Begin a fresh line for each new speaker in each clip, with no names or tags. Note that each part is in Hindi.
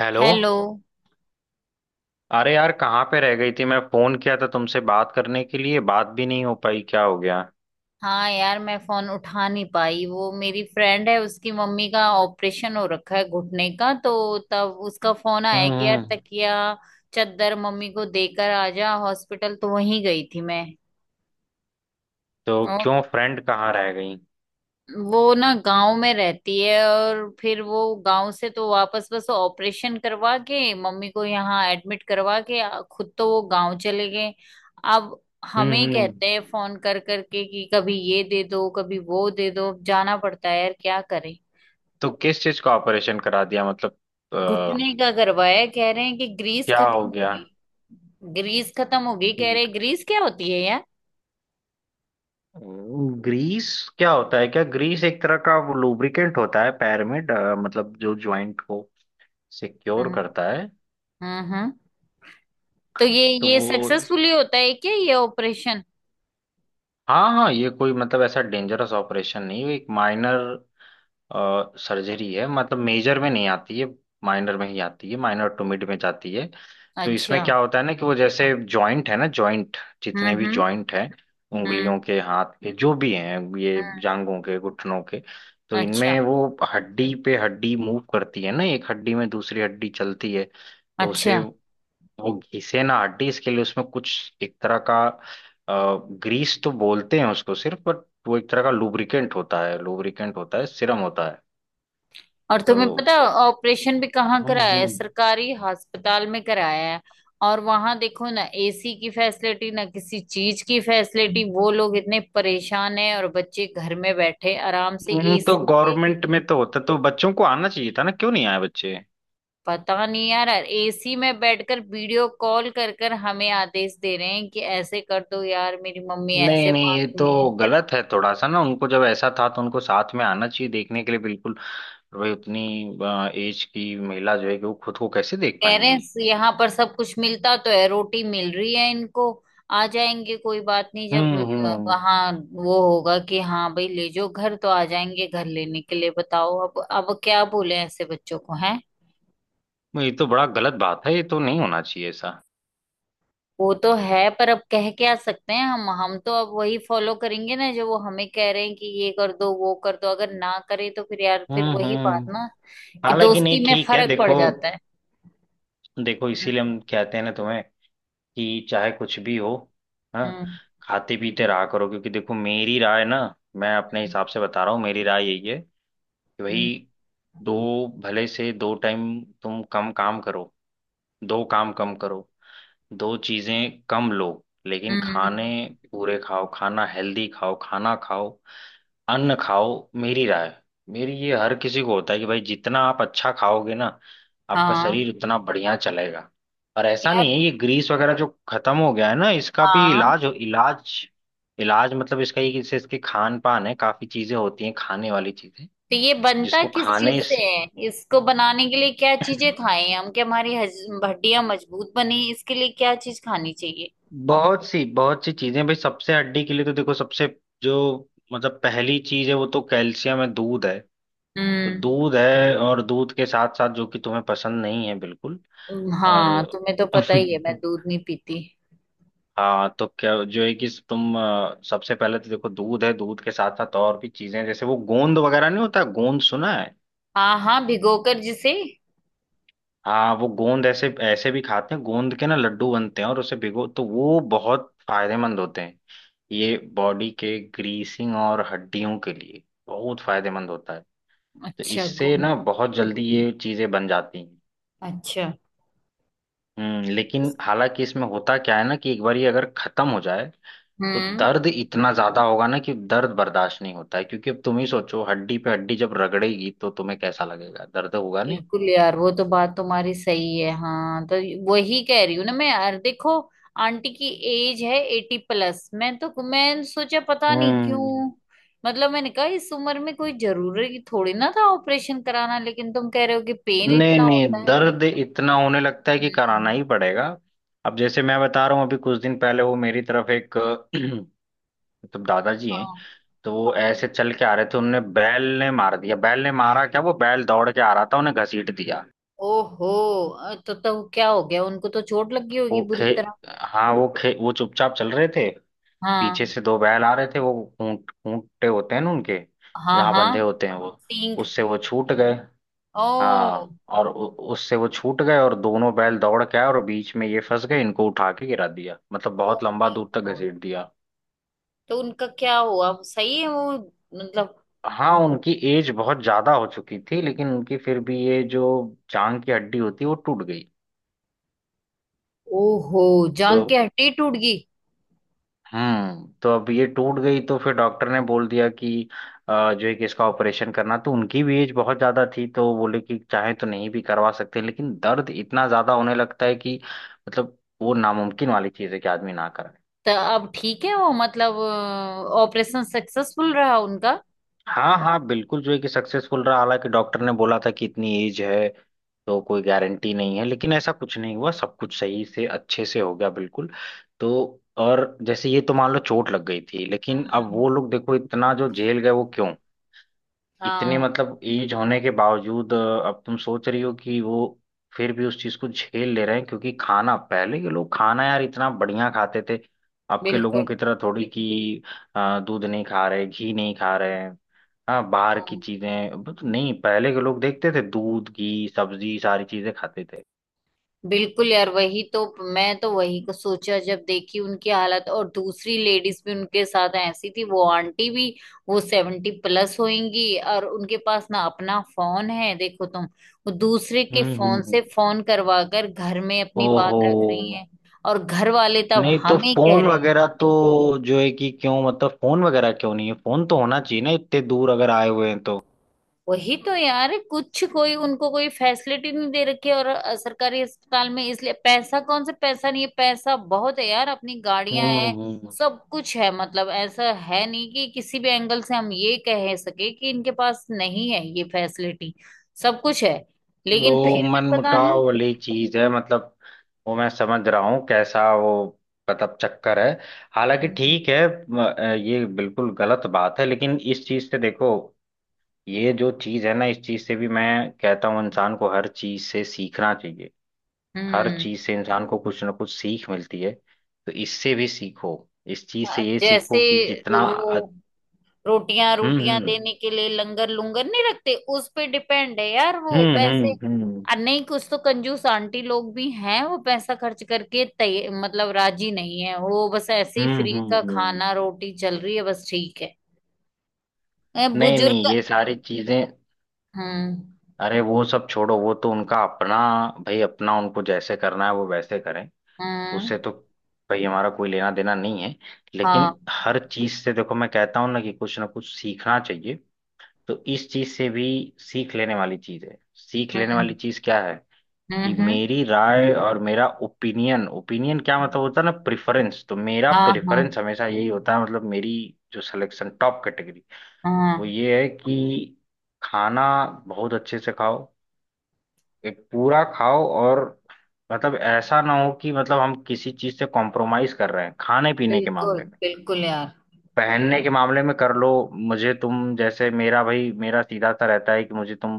हेलो।
हेलो।
अरे यार, कहाँ पे रह गई थी? मैं फोन किया था तुमसे बात करने के लिए, बात भी नहीं हो पाई। क्या हो गया?
हाँ यार, मैं फोन उठा नहीं पाई। वो मेरी फ्रेंड है, उसकी मम्मी का ऑपरेशन हो रखा है घुटने का, तो तब उसका फोन
हम्म
आया कि यार
हम्म।
तकिया चादर मम्मी को देकर आ जा हॉस्पिटल, तो वहीं गई थी मैं।
तो क्यों, फ्रेंड कहाँ रह गई?
वो ना गांव में रहती है, और फिर वो गांव से तो वापस बस ऑपरेशन करवा के मम्मी को यहाँ एडमिट करवा के खुद तो वो गांव चले गए। अब
हम्म
हमें
हम्म।
कहते हैं फोन कर करके कि कभी ये दे दो कभी वो दे दो, अब जाना पड़ता है यार, क्या करें।
तो किस चीज का ऑपरेशन करा दिया मतलब अ,
घुटने का करवाया, कह रहे हैं कि ग्रीस
क्या हो
खत्म
गया?
होगी। ग्रीस खत्म होगी कह रहे हैं, ग्रीस क्या होती है यार?
ग्रीस क्या होता है? क्या ग्रीस एक तरह का वो लुब्रिकेंट होता है? पैर में मतलब जो जॉइंट को सिक्योर
हम्म
करता है।
हम्म हम्म। तो ये
तो
ये
वो,
सक्सेसफुली होता है क्या ये ऑपरेशन?
हाँ हाँ, ये कोई मतलब ऐसा डेंजरस ऑपरेशन नहीं, एक माइनर सर्जरी है। मतलब मेजर में नहीं आती है, माइनर में ही आती है। माइनर टू मिड में जाती है। तो
अच्छा।
इसमें क्या होता है ना, कि वो जैसे जॉइंट है ना, जॉइंट जितने भी
हम्म।
जॉइंट हैं,
हम्म
उंगलियों के, हाथ के, जो भी हैं, ये
हम्म।
जांघों के, घुटनों के, तो
अच्छा।
इनमें वो हड्डी पे हड्डी मूव करती है ना, एक हड्डी में दूसरी हड्डी चलती है। तो उसे
अच्छा,
वो घिसे ना हड्डी, इसके लिए उसमें कुछ एक तरह का, ग्रीस तो बोलते हैं उसको सिर्फ, बट वो एक तरह का लुब्रिकेंट होता है। लुब्रिकेंट होता है, सिरम होता है।
और तुम्हें पता,
तो
ऑपरेशन भी कहाँ
हम्म
कराया है?
हम्म
सरकारी अस्पताल में कराया है। और वहां देखो ना, एसी की फैसिलिटी ना किसी चीज की फैसिलिटी, वो लोग इतने परेशान हैं और बच्चे घर में बैठे आराम से
तो
एसी से।
गवर्नमेंट में तो होता, तो बच्चों को आना चाहिए था ना, क्यों नहीं आए बच्चे?
पता नहीं यार, एसी में बैठकर वीडियो कॉल कर कर हमें आदेश दे रहे हैं कि ऐसे कर दो। यार मेरी मम्मी
नहीं
ऐसे
नहीं,
मांग
ये तो
रही है
गलत है थोड़ा सा ना, उनको जब ऐसा था तो उनको साथ में आना चाहिए देखने के लिए। बिल्कुल भाई, उतनी एज की महिला जो है, कि वो खुद को कैसे देख
कह रहे
पाएंगी?
हैं। यहाँ पर सब कुछ मिलता तो है, रोटी मिल रही है इनको, आ जाएंगे कोई बात नहीं जब।
हम्म,
वहाँ वो होगा कि हाँ भाई ले जाओ घर, तो आ जाएंगे घर लेने के लिए बताओ, अब क्या बोले ऐसे बच्चों को हैं।
ये तो बड़ा गलत बात है, ये तो नहीं होना चाहिए ऐसा।
वो तो है पर अब कह क्या सकते हैं हम तो अब वही फॉलो करेंगे ना जो वो हमें कह रहे हैं कि ये कर दो वो कर दो, अगर ना करे तो फिर यार फिर वही बात
हम्म।
ना कि
हालांकि नहीं,
दोस्ती में
ठीक है,
फर्क पड़
देखो।
जाता है।
देखो इसीलिए
हम्म
हम कहते हैं ना तुम्हें, कि चाहे कुछ भी हो, हाँ,
हम्म।
खाते पीते रहा करो, क्योंकि देखो मेरी राय ना। मैं अपने हिसाब से बता रहा हूँ, मेरी राय यही है कि
हम्म
भाई, दो भले से दो टाइम तुम कम काम करो, दो काम कम करो, दो चीजें कम लो, लेकिन
हम्म।
खाने
हम्म।
पूरे खाओ, खाना हेल्दी खाओ, खाना खाओ, अन्न खाओ। मेरी राय, मेरी ये हर किसी को होता है कि भाई, जितना आप अच्छा खाओगे ना, आपका
हाँ
शरीर हम्म, उतना बढ़िया चलेगा। पर ऐसा
यार।
नहीं है, ये ग्रीस वगैरह जो खत्म हो गया है ना, इसका भी
हाँ।
इलाज हो। इलाज इलाज मतलब इसका ये कि इससे, इसके खान पान है, काफी चीजें होती हैं खाने वाली चीजें,
तो ये बनता
जिसको
किस चीज
खाने
से
से-
है? इसको बनाने के लिए क्या चीजें खाएं हम, कि हमारी हड्डियां मजबूत बने? इसके लिए क्या चीज खानी चाहिए?
बहुत सी चीजें भाई, सबसे हड्डी के लिए तो देखो, सबसे जो मतलब पहली चीज है वो तो कैल्शियम है, दूध है। तो
हम्म।
दूध है, और दूध के साथ साथ, जो कि तुम्हें पसंद नहीं है बिल्कुल।
हाँ
और
तुम्हें तो पता ही है मैं दूध नहीं पीती।
हाँ, तो क्या जो है कि तुम सबसे पहले तो देखो दूध है, दूध के साथ साथ और भी चीजें जैसे वो गोंद वगैरह, नहीं होता गोंद सुना है?
हाँ हाँ, भिगोकर जिसे।
हाँ वो गोंद, ऐसे ऐसे भी खाते हैं, गोंद के ना लड्डू बनते हैं, और उसे भिगो तो वो बहुत फायदेमंद होते हैं। ये बॉडी के ग्रीसिंग और हड्डियों के लिए बहुत फायदेमंद होता है। तो
अच्छा
इससे
गुम।
ना बहुत जल्दी ये चीजें बन जाती हैं।
अच्छा।
लेकिन हालांकि इसमें होता क्या है ना, कि एक बार ये अगर खत्म हो जाए, तो
हम्म।
दर्द इतना ज्यादा होगा ना, कि दर्द बर्दाश्त नहीं होता है। क्योंकि अब तुम ही सोचो, हड्डी पे हड्डी जब रगड़ेगी तो तुम्हें कैसा लगेगा, दर्द होगा नहीं?
बिल्कुल यार, वो तो बात तुम्हारी सही है। हाँ तो वही कह रही हूँ ना मैं यार, देखो आंटी की एज है एटी प्लस। मैं तो मैं सोचा पता नहीं
हम्म।
क्यों, मतलब मैंने कहा इस उम्र में कोई जरूरी थोड़ी ना था ऑपरेशन कराना, लेकिन तुम कह रहे हो कि पेन
नहीं
इतना
नहीं,
होता है।
दर्द इतना होने लगता है कि कराना ही
हम्म।
पड़ेगा। अब जैसे मैं बता रहा हूँ, अभी कुछ दिन पहले वो मेरी तरफ एक मतलब दादाजी हैं,
हाँ।
तो वो ऐसे चल के आ रहे थे, उनने बैल ने मार दिया, बैल ने मारा क्या, वो बैल दौड़ के आ रहा था, उन्हें घसीट दिया।
ओहो। तो क्या हो गया उनको? तो चोट लग गई होगी
वो
बुरी
खे
तरह।
हाँ, वो चुपचाप चल रहे थे, पीछे
हाँ
से दो बैल आ रहे थे। वो खूंटे होते हैं ना उनके,
हाँ।
जहाँ बंधे
हाँ।
होते हैं वो,
सींग।
उससे वो छूट गए। हाँ
ओ।
और उससे वो छूट गए, और दोनों बैल दौड़ के आए और बीच में ये फंस गए, इनको उठा के गिरा दिया, मतलब
ओ
बहुत लंबा
माय
दूर तक
गॉड।
घसीट दिया।
तो उनका क्या हुआ? सही है वो, मतलब?
हाँ, उनकी एज बहुत ज्यादा हो चुकी थी, लेकिन उनकी फिर भी ये जो जांग की हड्डी होती है, वो टूट गई।
ओहो।
तो
जान के हड्डी टूट गई?
हम्म, तो अब ये टूट गई, तो फिर डॉक्टर ने बोल दिया कि जो है कि इसका ऑपरेशन करना, तो उनकी भी एज बहुत ज्यादा थी, तो बोले कि चाहे तो नहीं भी करवा सकते, लेकिन दर्द इतना ज्यादा होने लगता है कि मतलब वो नामुमकिन वाली चीज है कि आदमी ना कराए।
तो अब ठीक है वो, मतलब? ऑपरेशन सक्सेसफुल रहा उनका?
हाँ हाँ, बिल्कुल जो है कि सक्सेसफुल रहा। हालांकि डॉक्टर ने बोला था कि इतनी एज है तो कोई गारंटी नहीं है, लेकिन ऐसा कुछ नहीं हुआ, सब कुछ सही से अच्छे से हो गया बिल्कुल। तो और जैसे ये तो मान लो चोट लग गई थी, लेकिन अब
हाँ
वो लोग देखो इतना जो झेल गए, वो क्यों? इतने
हाँ,
मतलब एज होने के बावजूद अब तुम सोच रही हो कि वो फिर भी उस चीज को झेल ले रहे हैं, क्योंकि खाना, पहले के लोग खाना यार इतना बढ़िया खाते थे। अब के लोगों
बिल्कुल।
की तरह थोड़ी कि दूध नहीं खा रहे, घी नहीं खा रहे हैं। हाँ बाहर की
हाँ,
चीजें बट नहीं, पहले के लोग देखते थे, दूध घी सब्जी सारी चीजें खाते थे।
बिल्कुल यार वही तो। मैं तो वही को सोचा जब देखी उनकी हालत, और दूसरी लेडीज भी उनके साथ ऐसी थी, वो आंटी भी वो सेवेंटी प्लस होंगी। और उनके पास ना अपना फोन है देखो तुम, वो दूसरे के
हम्म हम्म,
फोन से
हम्म।
फोन करवा कर घर में अपनी बात
ओहो।
रख रही है। और घर वाले तब
नहीं तो
हमें कह
फोन
रहे हैं।
वगैरह तो जो है कि, क्यों मतलब फोन वगैरह क्यों नहीं है? फोन तो होना चाहिए ना, इतने दूर अगर आए हुए हैं तो।
वही तो यार, कुछ कोई उनको कोई फैसिलिटी नहीं दे रखी है, और सरकारी अस्पताल में इसलिए पैसा कौन सा, पैसा नहीं है? पैसा बहुत है यार, अपनी गाड़ियां
हम्म
हैं,
हम्म।
सब कुछ है। मतलब ऐसा है नहीं कि किसी भी एंगल से हम ये कह सके कि इनके पास नहीं है ये फैसिलिटी, सब कुछ है। लेकिन फिर
तो
भी
मन
पता नहीं।
मुटाव वाली चीज है मतलब, वो मैं समझ रहा हूँ कैसा वो, मतलब चक्कर है। हालांकि
हम्म
ठीक है, ये बिल्कुल गलत बात है, लेकिन इस चीज से देखो, ये जो चीज है ना, इस चीज से भी मैं कहता हूँ, इंसान को हर चीज से सीखना चाहिए। हर
हम्म।
चीज से इंसान को कुछ ना कुछ सीख मिलती है, तो इससे भी सीखो। इस चीज से ये सीखो
जैसे
कि जितना
वो रोटियां
हम्म
रोटियां
हम्म
देने के लिए लंगर लुंगर नहीं रखते, उस पे डिपेंड है यार वो
हम्म हम्म
पैसे।
हम्म
और नहीं कुछ तो कंजूस आंटी लोग भी हैं, वो पैसा खर्च करके तय मतलब राजी नहीं है, वो बस ऐसे ही
हम्म
फ्री
हम्म
का
हम्म।
खाना रोटी चल रही है बस ठीक है। ए,
नहीं नहीं,
बुजुर्ग।
ये सारी चीजें,
हम्म
अरे वो सब छोड़ो, वो तो उनका अपना, भाई अपना उनको जैसे करना है वो वैसे करें,
हम्म।
उससे तो भाई हमारा कोई लेना देना नहीं है। लेकिन
हाँ।
हर चीज से देखो, मैं कहता हूँ ना कि कुछ ना कुछ सीखना चाहिए। तो इस चीज से भी सीख लेने वाली चीज है। सीख लेने वाली
हम्म
चीज क्या है? कि
हम्म।
मेरी राय, और मेरा ओपिनियन, ओपिनियन क्या मतलब होता है ना, प्रेफरेंस, तो मेरा
हाँ हाँ।
प्रेफरेंस हमेशा यही होता है, मतलब मेरी जो सिलेक्शन टॉप कैटेगरी, वो
हाँ
ये है कि खाना बहुत अच्छे से खाओ, एक पूरा खाओ, और मतलब ऐसा ना हो कि मतलब हम किसी चीज से कॉम्प्रोमाइज कर रहे हैं खाने पीने के
बिल्कुल
मामले में।
बिल्कुल यार।
पहनने के मामले में कर लो। मुझे तुम जैसे, मेरा भाई, मेरा सीधा सा रहता है कि मुझे तुम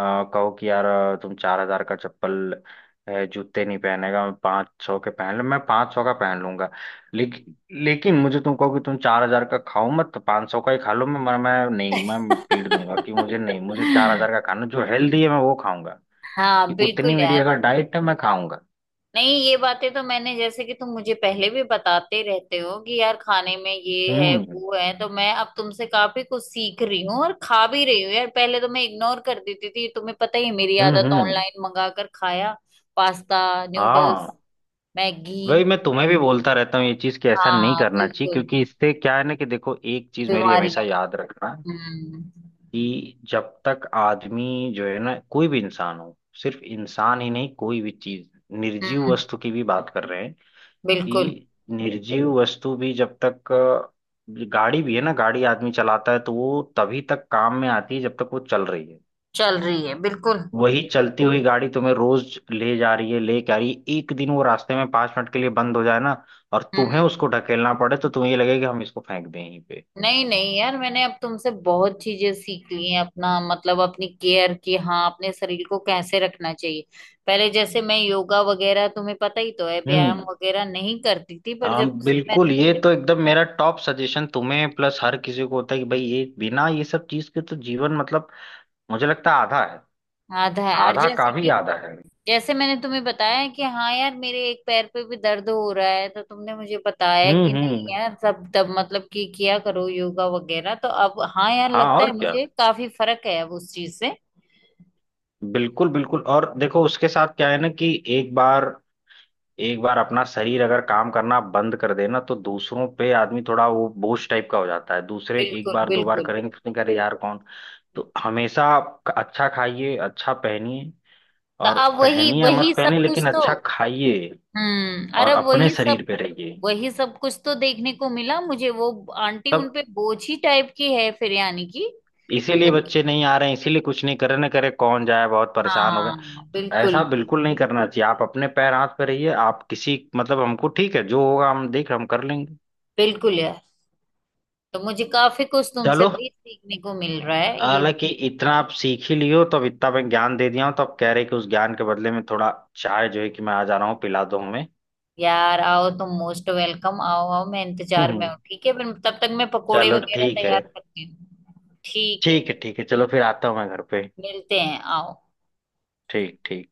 कहो कि यार तुम 4000 का चप्पल है जूते नहीं पहनेगा, मैं 500 के पहन लूँ, मैं 500 का पहन लूंगा। लेकिन लेकिन मुझे तुम कहो कि तुम 4000 का खाओ मत, तो 500 का ही खा लो, मैं नहीं, मैं पीट दूंगा कि मुझे नहीं, मुझे 4000 का खाना जो हेल्दी है, मैं वो खाऊंगा।
हाँ
कि
बिल्कुल
उतनी मेरी
यार।
अगर डाइट है, मैं खाऊंगा।
नहीं ये बातें तो मैंने, जैसे कि तुम मुझे पहले भी बताते रहते हो कि यार खाने में ये है
हम्म
वो है, तो मैं अब तुमसे काफी कुछ सीख रही हूँ और खा भी रही हूँ यार। पहले तो मैं इग्नोर कर देती थी, तुम्हें पता ही है मेरी आदत,
हम्म।
ऑनलाइन मंगा कर खाया पास्ता
हाँ
नूडल्स मैगी।
वही मैं तुम्हें भी बोलता रहता हूँ ये चीज, कि ऐसा नहीं
हाँ
करना चाहिए,
बिल्कुल।
क्योंकि इससे क्या है ना कि देखो, एक चीज मेरी हमेशा
बीमारियां।
याद रखना,
हम्म
कि जब तक आदमी जो है ना, कोई भी इंसान हो, सिर्फ इंसान ही नहीं, कोई भी चीज, निर्जीव
हम्म।
वस्तु की भी बात कर रहे हैं,
बिल्कुल।
कि निर्जीव वस्तु भी जब तक गाड़ी भी है ना, गाड़ी आदमी चलाता है, तो वो तभी तक काम में आती है जब तक वो चल रही है।
चल रही है बिल्कुल।
वही चलती हुई गाड़ी तुम्हें रोज ले जा रही है, ले के आ रही है, एक दिन वो रास्ते में 5 मिनट के लिए बंद हो जाए ना, और तुम्हें
हम्म।
उसको ढकेलना पड़े, तो तुम्हें ये लगे कि हम इसको फेंक दें यहीं पे।
नहीं नहीं यार, मैंने अब तुमसे बहुत चीजें सीख ली हैं, अपना मतलब अपनी केयर की। हाँ अपने शरीर को कैसे रखना चाहिए, पहले जैसे मैं योगा वगैरह तुम्हें पता ही तो है व्यायाम
हम्म।
वगैरह नहीं करती थी, पर
हाँ
जब से
बिल्कुल,
मैंने।
ये तो एकदम मेरा टॉप सजेशन तुम्हें प्लस हर किसी को होता है कि भाई, ये बिना ये सब चीज के तो जीवन मतलब मुझे लगता है आधा है।
आधा है। और
आधा
जैसे
काम ही
कि
आधा है।
जैसे मैंने तुम्हें बताया कि हाँ यार मेरे एक पैर पे भी दर्द हो रहा है, तो तुमने मुझे बताया कि नहीं
हम्म।
यार सब तब मतलब कि किया करो योगा वगैरह, तो अब हाँ यार
हाँ
लगता
और
है
क्या,
मुझे काफी फर्क है अब उस चीज से।
बिल्कुल बिल्कुल, और देखो उसके साथ क्या है ना, कि एक बार, एक बार अपना शरीर अगर काम करना बंद कर देना, तो दूसरों पे आदमी थोड़ा वो बोझ टाइप का हो जाता है। दूसरे एक
बिल्कुल
बार दो बार
बिल्कुल।
करेंगे, तो फिर करें यार कौन? तो हमेशा आप अच्छा खाइए, अच्छा पहनिए,
तो
और
अब वही
पहनिए या
वही
मत
सब
पहने,
कुछ
लेकिन
तो।
अच्छा खाइए
हम्म, अरे
और अपने
वही सब।
शरीर पे रहिए।
वही सब कुछ तो देखने को मिला मुझे, वो आंटी
तब
उनपे बोझ ही टाइप की है फिर, यानी कि
इसीलिए
जबकि।
बच्चे नहीं आ रहे हैं, इसीलिए कुछ नहीं, करे ना करे, कौन जाए, बहुत परेशान हो गए।
हाँ
तो
बिल्कुल
ऐसा बिल्कुल
बिल्कुल।
नहीं करना चाहिए, आप अपने पैर हाथ पे रहिए, आप किसी मतलब हमको ठीक है, जो होगा हम देख, हम कर लेंगे।
बिल्कुल यार। तो मुझे काफी कुछ तुमसे
चलो,
भी सीखने को मिल रहा है ये।
हालांकि इतना आप सीख ही लियो, तो अब इतना मैं ज्ञान दे दिया हूं, तो आप कह रहे हैं कि उस ज्ञान के बदले में थोड़ा चाय जो है कि मैं आ जा रहा हूँ पिला दो हमें।
यार आओ, तुम मोस्ट वेलकम, आओ आओ, मैं इंतजार में हूँ ठीक है? फिर तब तक मैं पकोड़े
चलो
वगैरह
ठीक है।
तैयार करती हूँ ठीक है?
ठीक है ठीक है, चलो फिर आता हूँ मैं घर पे।
मिलते हैं, आओ।
ठीक ठीक।